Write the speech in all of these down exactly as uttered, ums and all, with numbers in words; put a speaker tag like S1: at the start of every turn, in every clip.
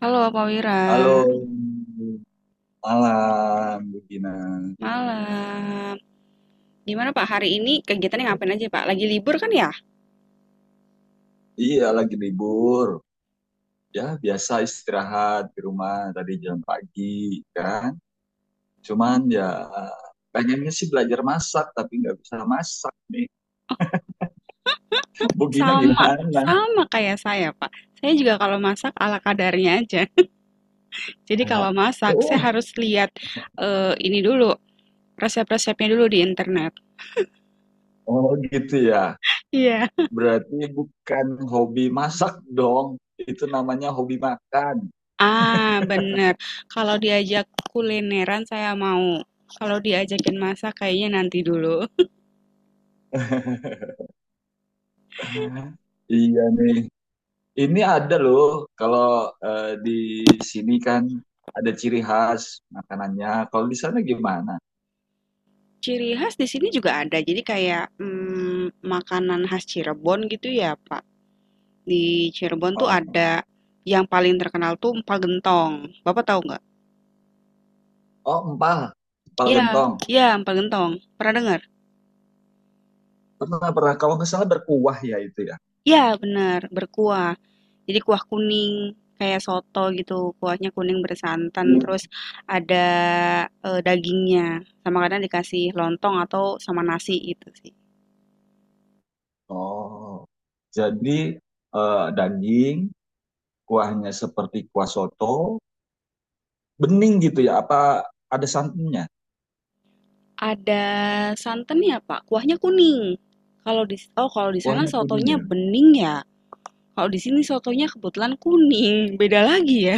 S1: Halo Pak Wira,
S2: Halo, malam, Bu Gina.
S1: malam. Gimana Pak, hari ini kegiatannya ngapain aja Pak? Lagi libur kan ya?
S2: Iya, lagi libur. Ya, biasa istirahat di rumah tadi jam pagi, kan? Cuman ya, pengennya sih belajar masak, tapi nggak bisa masak nih. Bu Gina
S1: Sama,
S2: gimana?
S1: sama kayak saya Pak. Saya juga kalau masak ala kadarnya aja. Jadi kalau masak, saya
S2: Oh,
S1: harus lihat eh, ini dulu, resep-resepnya dulu di internet.
S2: oh gitu ya.
S1: Iya.
S2: Berarti bukan hobi masak dong. Itu namanya hobi makan.
S1: Ah, bener. Kalau diajak kulineran saya mau. Kalau diajakin masak kayaknya nanti dulu.
S2: Iya nih. Ini ada loh, kalau eh, di sini kan ada ciri khas makanannya. Kalau di sana gimana?
S1: Ciri khas di sini juga ada, jadi kayak mm, makanan khas Cirebon gitu ya Pak. Di Cirebon tuh
S2: Oh,
S1: ada yang paling terkenal tuh empal gentong. Bapak tahu nggak?
S2: oh, empal, empal
S1: Iya,
S2: gentong.
S1: iya empal gentong. Pernah dengar?
S2: Pernah pernah kalau nggak salah berkuah ya itu ya.
S1: Iya, benar, berkuah. Jadi kuah kuning kayak soto gitu. Kuahnya kuning bersantan
S2: Hmm.
S1: terus ada eh, dagingnya. Sama kadang dikasih lontong atau sama nasi gitu sih.
S2: Oh, jadi eh, daging, kuahnya seperti kuah soto, bening gitu ya? Apa ada santannya?
S1: Ada santannya, Pak. Kuahnya kuning. Kalau di oh kalau di sana
S2: Kuahnya kuning
S1: sotonya
S2: ya,
S1: bening ya. Kalau di sini sotonya kebetulan kuning. Beda lagi ya.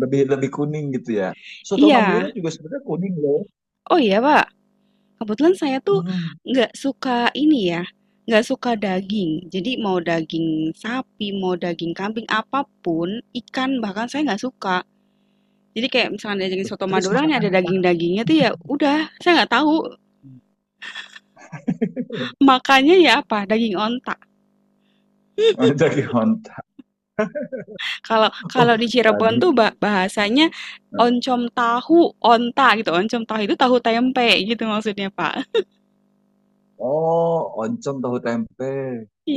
S2: lebih lebih kuning gitu ya. Soto Madura
S1: Iya.
S2: juga sebenarnya kuning loh.
S1: Oh iya Pak, kebetulan saya tuh
S2: Mm.
S1: nggak suka ini ya, nggak suka daging. Jadi mau daging sapi, mau daging kambing, apapun, ikan bahkan saya nggak suka. Jadi kayak misalnya ada daging
S2: Tuh,
S1: soto
S2: terus
S1: Madura
S2: makan
S1: nih ada
S2: apa?
S1: daging-dagingnya tuh ya udah, saya nggak tahu makannya ya apa, daging onta.
S2: Jaki Honta.
S1: Kalau
S2: Oh,
S1: kalau di Cirebon tuh
S2: tadi.
S1: ba- bahasanya oncom tahu onta gitu, oncom tahu itu tahu tempe gitu maksudnya Pak.
S2: Oh, oncom tahu tempe.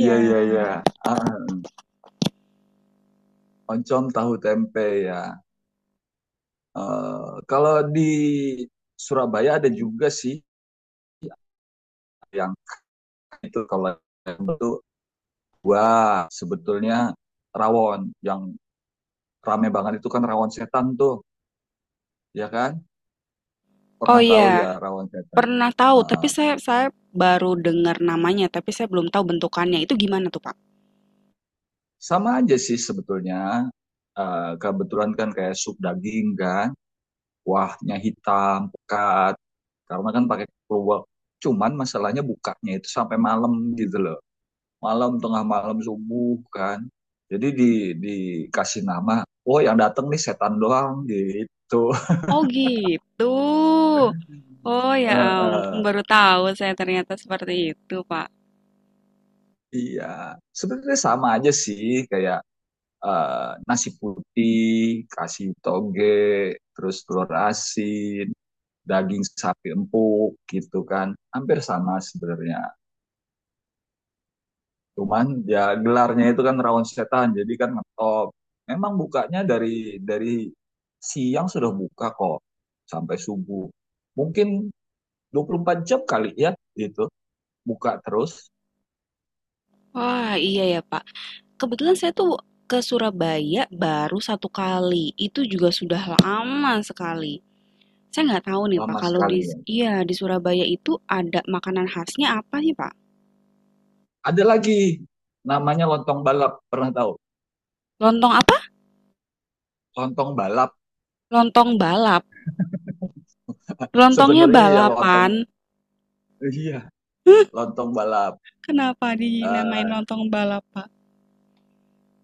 S2: Iya, iya, iya. Ah, oncom tahu tempe ya. Eh, kalau di Surabaya ada juga sih yang itu kalau itu wah sebetulnya rawon yang rame banget itu kan rawon setan tuh, ya kan?
S1: Oh
S2: Pernah tahu ya
S1: iya.
S2: rawon setan.
S1: Pernah
S2: Ah,
S1: tahu, tapi
S2: ah.
S1: saya saya baru dengar namanya, tapi saya belum tahu bentukannya. Itu gimana tuh, Pak?
S2: Sama aja sih sebetulnya. Eh, kebetulan kan kayak sup daging kan. Kuahnya hitam, pekat, karena kan pakai keluak. Cuman masalahnya bukanya itu sampai malam gitu loh. Malam, tengah malam, subuh kan. Jadi di dikasih nama, oh yang datang nih setan doang gitu.
S1: Oh, gitu. Oh, ya
S2: Eh,
S1: ampun,
S2: eh,
S1: baru tahu saya ternyata seperti itu, Pak.
S2: iya, sebenarnya sama aja sih kayak eh, nasi putih, kasih toge, terus telur asin, daging sapi empuk gitu kan, hampir sama sebenarnya. Cuman ya gelarnya itu kan rawon setan, jadi kan ngetop. Memang bukanya dari dari siang sudah buka kok sampai subuh. Mungkin dua puluh empat jam kali ya gitu. Buka terus
S1: Wah, iya ya, Pak. Kebetulan saya tuh ke Surabaya baru satu kali. Itu juga sudah lama sekali. Saya nggak tahu nih, Pak,
S2: lama
S1: kalau
S2: sekali
S1: di
S2: ya.
S1: iya, di Surabaya itu ada makanan khasnya apa sih, Pak?
S2: Ada lagi namanya lontong balap, pernah tahu?
S1: Lontong apa?
S2: Lontong balap
S1: Lontong balap. Lontongnya
S2: sebenarnya ya lontong
S1: balapan.
S2: iya, lontong balap.
S1: Kenapa dinamain
S2: Eh,
S1: lontong balap, Pak?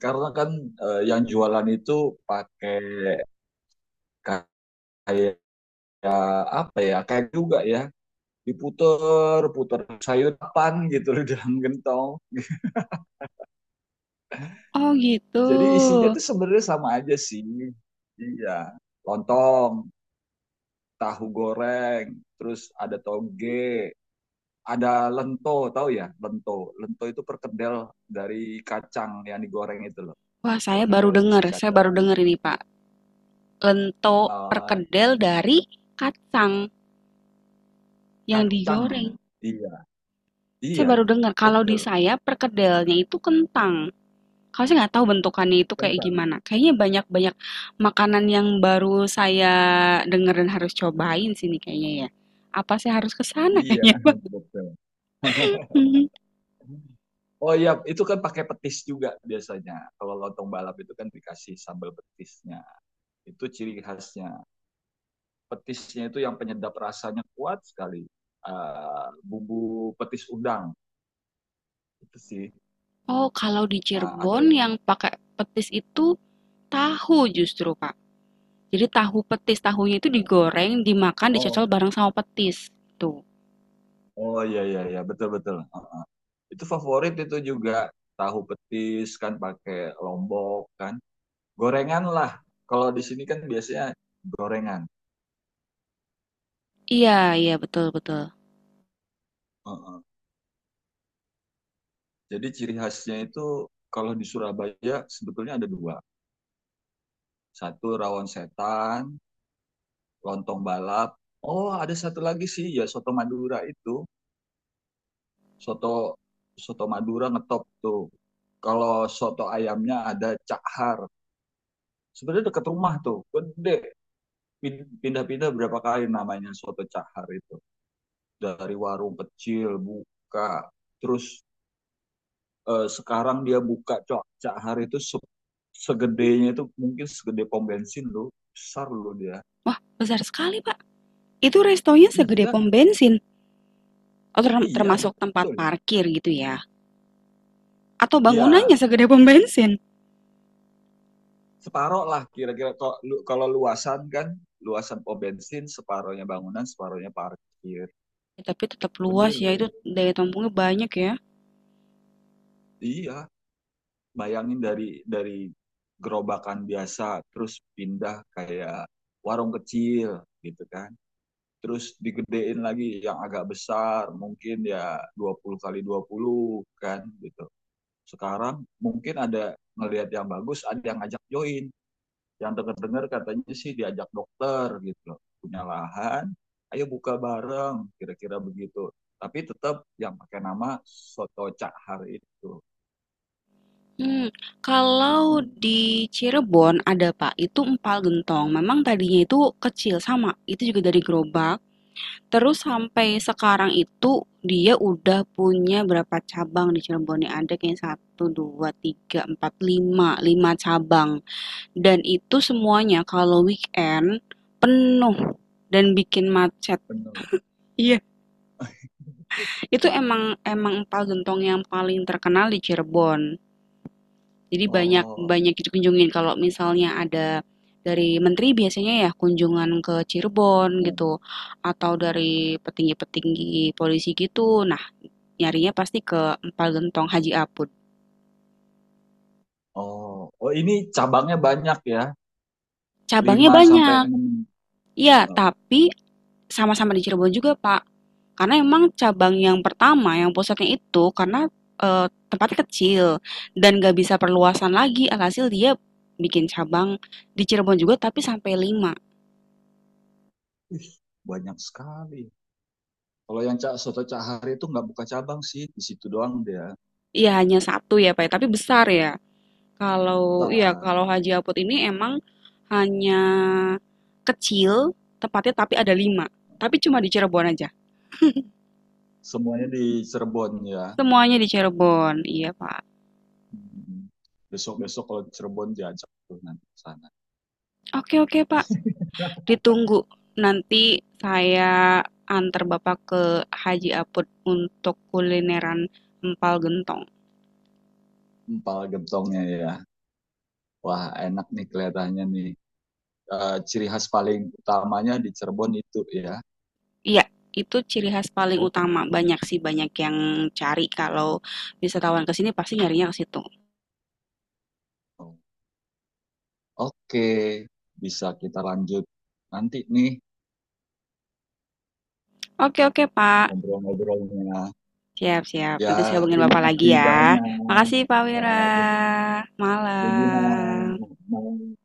S2: karena kan eh, yang jualan itu pakai kayak apa ya? Kayak juga ya diputer puter sayuran gitu loh dalam gentong.
S1: Oh gitu.
S2: Jadi isinya tuh sebenarnya sama aja sih iya lontong tahu goreng terus ada toge ada lento tahu ya lento lento itu perkedel dari kacang yang digoreng itu loh
S1: Wah, saya baru
S2: perkedel
S1: dengar.
S2: isi
S1: Saya baru
S2: kacang.
S1: dengar ini, Pak. Lento
S2: Eh,
S1: perkedel dari kacang yang
S2: kacang
S1: digoreng.
S2: iya
S1: Saya
S2: iya
S1: baru dengar kalau di
S2: betul
S1: saya perkedelnya itu kentang. Kalau saya nggak tahu bentukannya itu kayak
S2: kentang
S1: gimana. Kayaknya banyak-banyak makanan yang baru saya dengar dan harus cobain sini kayaknya ya. Apa saya harus ke sana
S2: iya
S1: kayaknya, Pak?
S2: betul.
S1: Mhm.
S2: Oh iya, itu kan pakai petis juga biasanya. Kalau lontong balap itu kan dikasih sambal petisnya. Itu ciri khasnya. Petisnya itu yang penyedap rasanya kuat sekali. Eh, bumbu petis udang itu sih.
S1: Oh, kalau di
S2: Ah, ada.
S1: Cirebon yang pakai petis itu tahu justru, Pak. Jadi tahu petis, tahunya itu digoreng, dimakan,
S2: Oh,
S1: dicocol bareng sama petis. Tuh.
S2: oh iya iya iya betul betul. Ah, itu favorit itu juga tahu petis kan pakai lombok kan. Gorengan lah. Kalau di sini kan biasanya gorengan.
S1: Iya, iya betul betul.
S2: Heeh. Jadi ciri khasnya itu kalau di Surabaya sebetulnya ada dua. Satu rawon setan, lontong balap. Oh, ada satu lagi sih ya soto Madura itu. Soto soto Madura ngetop tuh. Kalau soto ayamnya ada Cak Har. Sebenarnya dekat rumah tuh, gede. Pin- Pindah-pindah berapa kali namanya soto Cak Har itu. Dari warung kecil buka, terus eh, sekarang dia buka Cak Cak Har itu se- segedenya itu mungkin segede pom bensin loh. Besar loh dia.
S1: Wah, besar sekali, Pak. Itu restonya segede
S2: Iya,
S1: pom bensin atau term-
S2: iya
S1: termasuk tempat
S2: betul.
S1: parkir gitu ya? Atau bangunannya
S2: Iya,
S1: segede pom bensin?
S2: separoh lah kira-kira kalau kalau luasan kan luasan pom bensin separohnya bangunan separohnya parkir.
S1: Ya, tapi tetap
S2: Gede
S1: luas ya,
S2: loh.
S1: itu daya tampungnya banyak ya.
S2: Iya, bayangin dari dari gerobakan biasa terus pindah kayak warung kecil gitu kan terus digedein lagi yang agak besar mungkin ya dua puluh kali dua puluh kan gitu. Sekarang mungkin ada ngelihat yang bagus ada yang ngajak join, yang dengar-dengar katanya sih diajak dokter gitu, punya lahan, ayo buka bareng, kira-kira begitu, tapi tetap yang pakai nama soto cak har itu.
S1: Hmm, kalau di Cirebon ada Pak, itu empal gentong. Memang tadinya itu kecil sama, itu juga dari gerobak. Terus sampai
S2: Oh,
S1: sekarang itu dia udah punya berapa cabang di Cirebon nih? Ada kayak satu, dua, tiga, empat, lima, lima cabang. Dan itu semuanya kalau weekend penuh dan bikin macet.
S2: benar.
S1: Iya, itu emang emang empal gentong yang paling terkenal di Cirebon. Jadi banyak
S2: Oh,
S1: banyak dikunjungin kalau misalnya ada dari menteri biasanya ya kunjungan ke Cirebon gitu atau dari petinggi-petinggi polisi gitu. Nah, nyarinya pasti ke Empal Gentong Haji Apud.
S2: oh, oh, ini cabangnya banyak ya.
S1: Cabangnya
S2: Lima sampai
S1: banyak.
S2: enam.
S1: Iya,
S2: uh,
S1: tapi sama-sama di Cirebon juga, Pak. Karena emang cabang yang pertama, yang pusatnya itu karena eh, tempatnya kecil dan gak bisa perluasan lagi, alhasil dia bikin cabang di Cirebon juga tapi sampai lima.
S2: banyak sekali. Kalau yang cak soto cak har itu nggak buka cabang sih, di situ doang dia.
S1: Iya hanya satu ya Pak, ya. Tapi besar ya. Kalau iya
S2: Nah,
S1: kalau Haji Apot ini emang hanya kecil tempatnya tapi ada lima. Tapi cuma di Cirebon aja.
S2: semuanya di Cirebon ya.
S1: Semuanya di Cirebon, iya Pak.
S2: Besok besok kalau Cirebon diajak tuh nanti ke sana.
S1: Oke oke Pak, ditunggu. Nanti saya antar Bapak ke Haji Apot untuk kulineran empal gentong.
S2: Empal gentongnya ya. Wah, enak nih kelihatannya nih. Eh, ciri khas paling utamanya di Cirebon itu ya.
S1: Iya, itu ciri khas paling utama.
S2: Oke.
S1: Banyak sih banyak yang cari kalau wisatawan ke sini pasti nyarinya ke situ.
S2: Oke, bisa kita lanjut nanti nih
S1: Oke oke Pak.
S2: ngobrol-ngobrolnya.
S1: Siap, siap.
S2: Ya,
S1: Nanti saya hubungin
S2: terima
S1: Bapak lagi
S2: kasih
S1: ya.
S2: banyak.
S1: Makasih Pak Wira.
S2: Eh, Bu Bu Gina,
S1: Malam.
S2: mau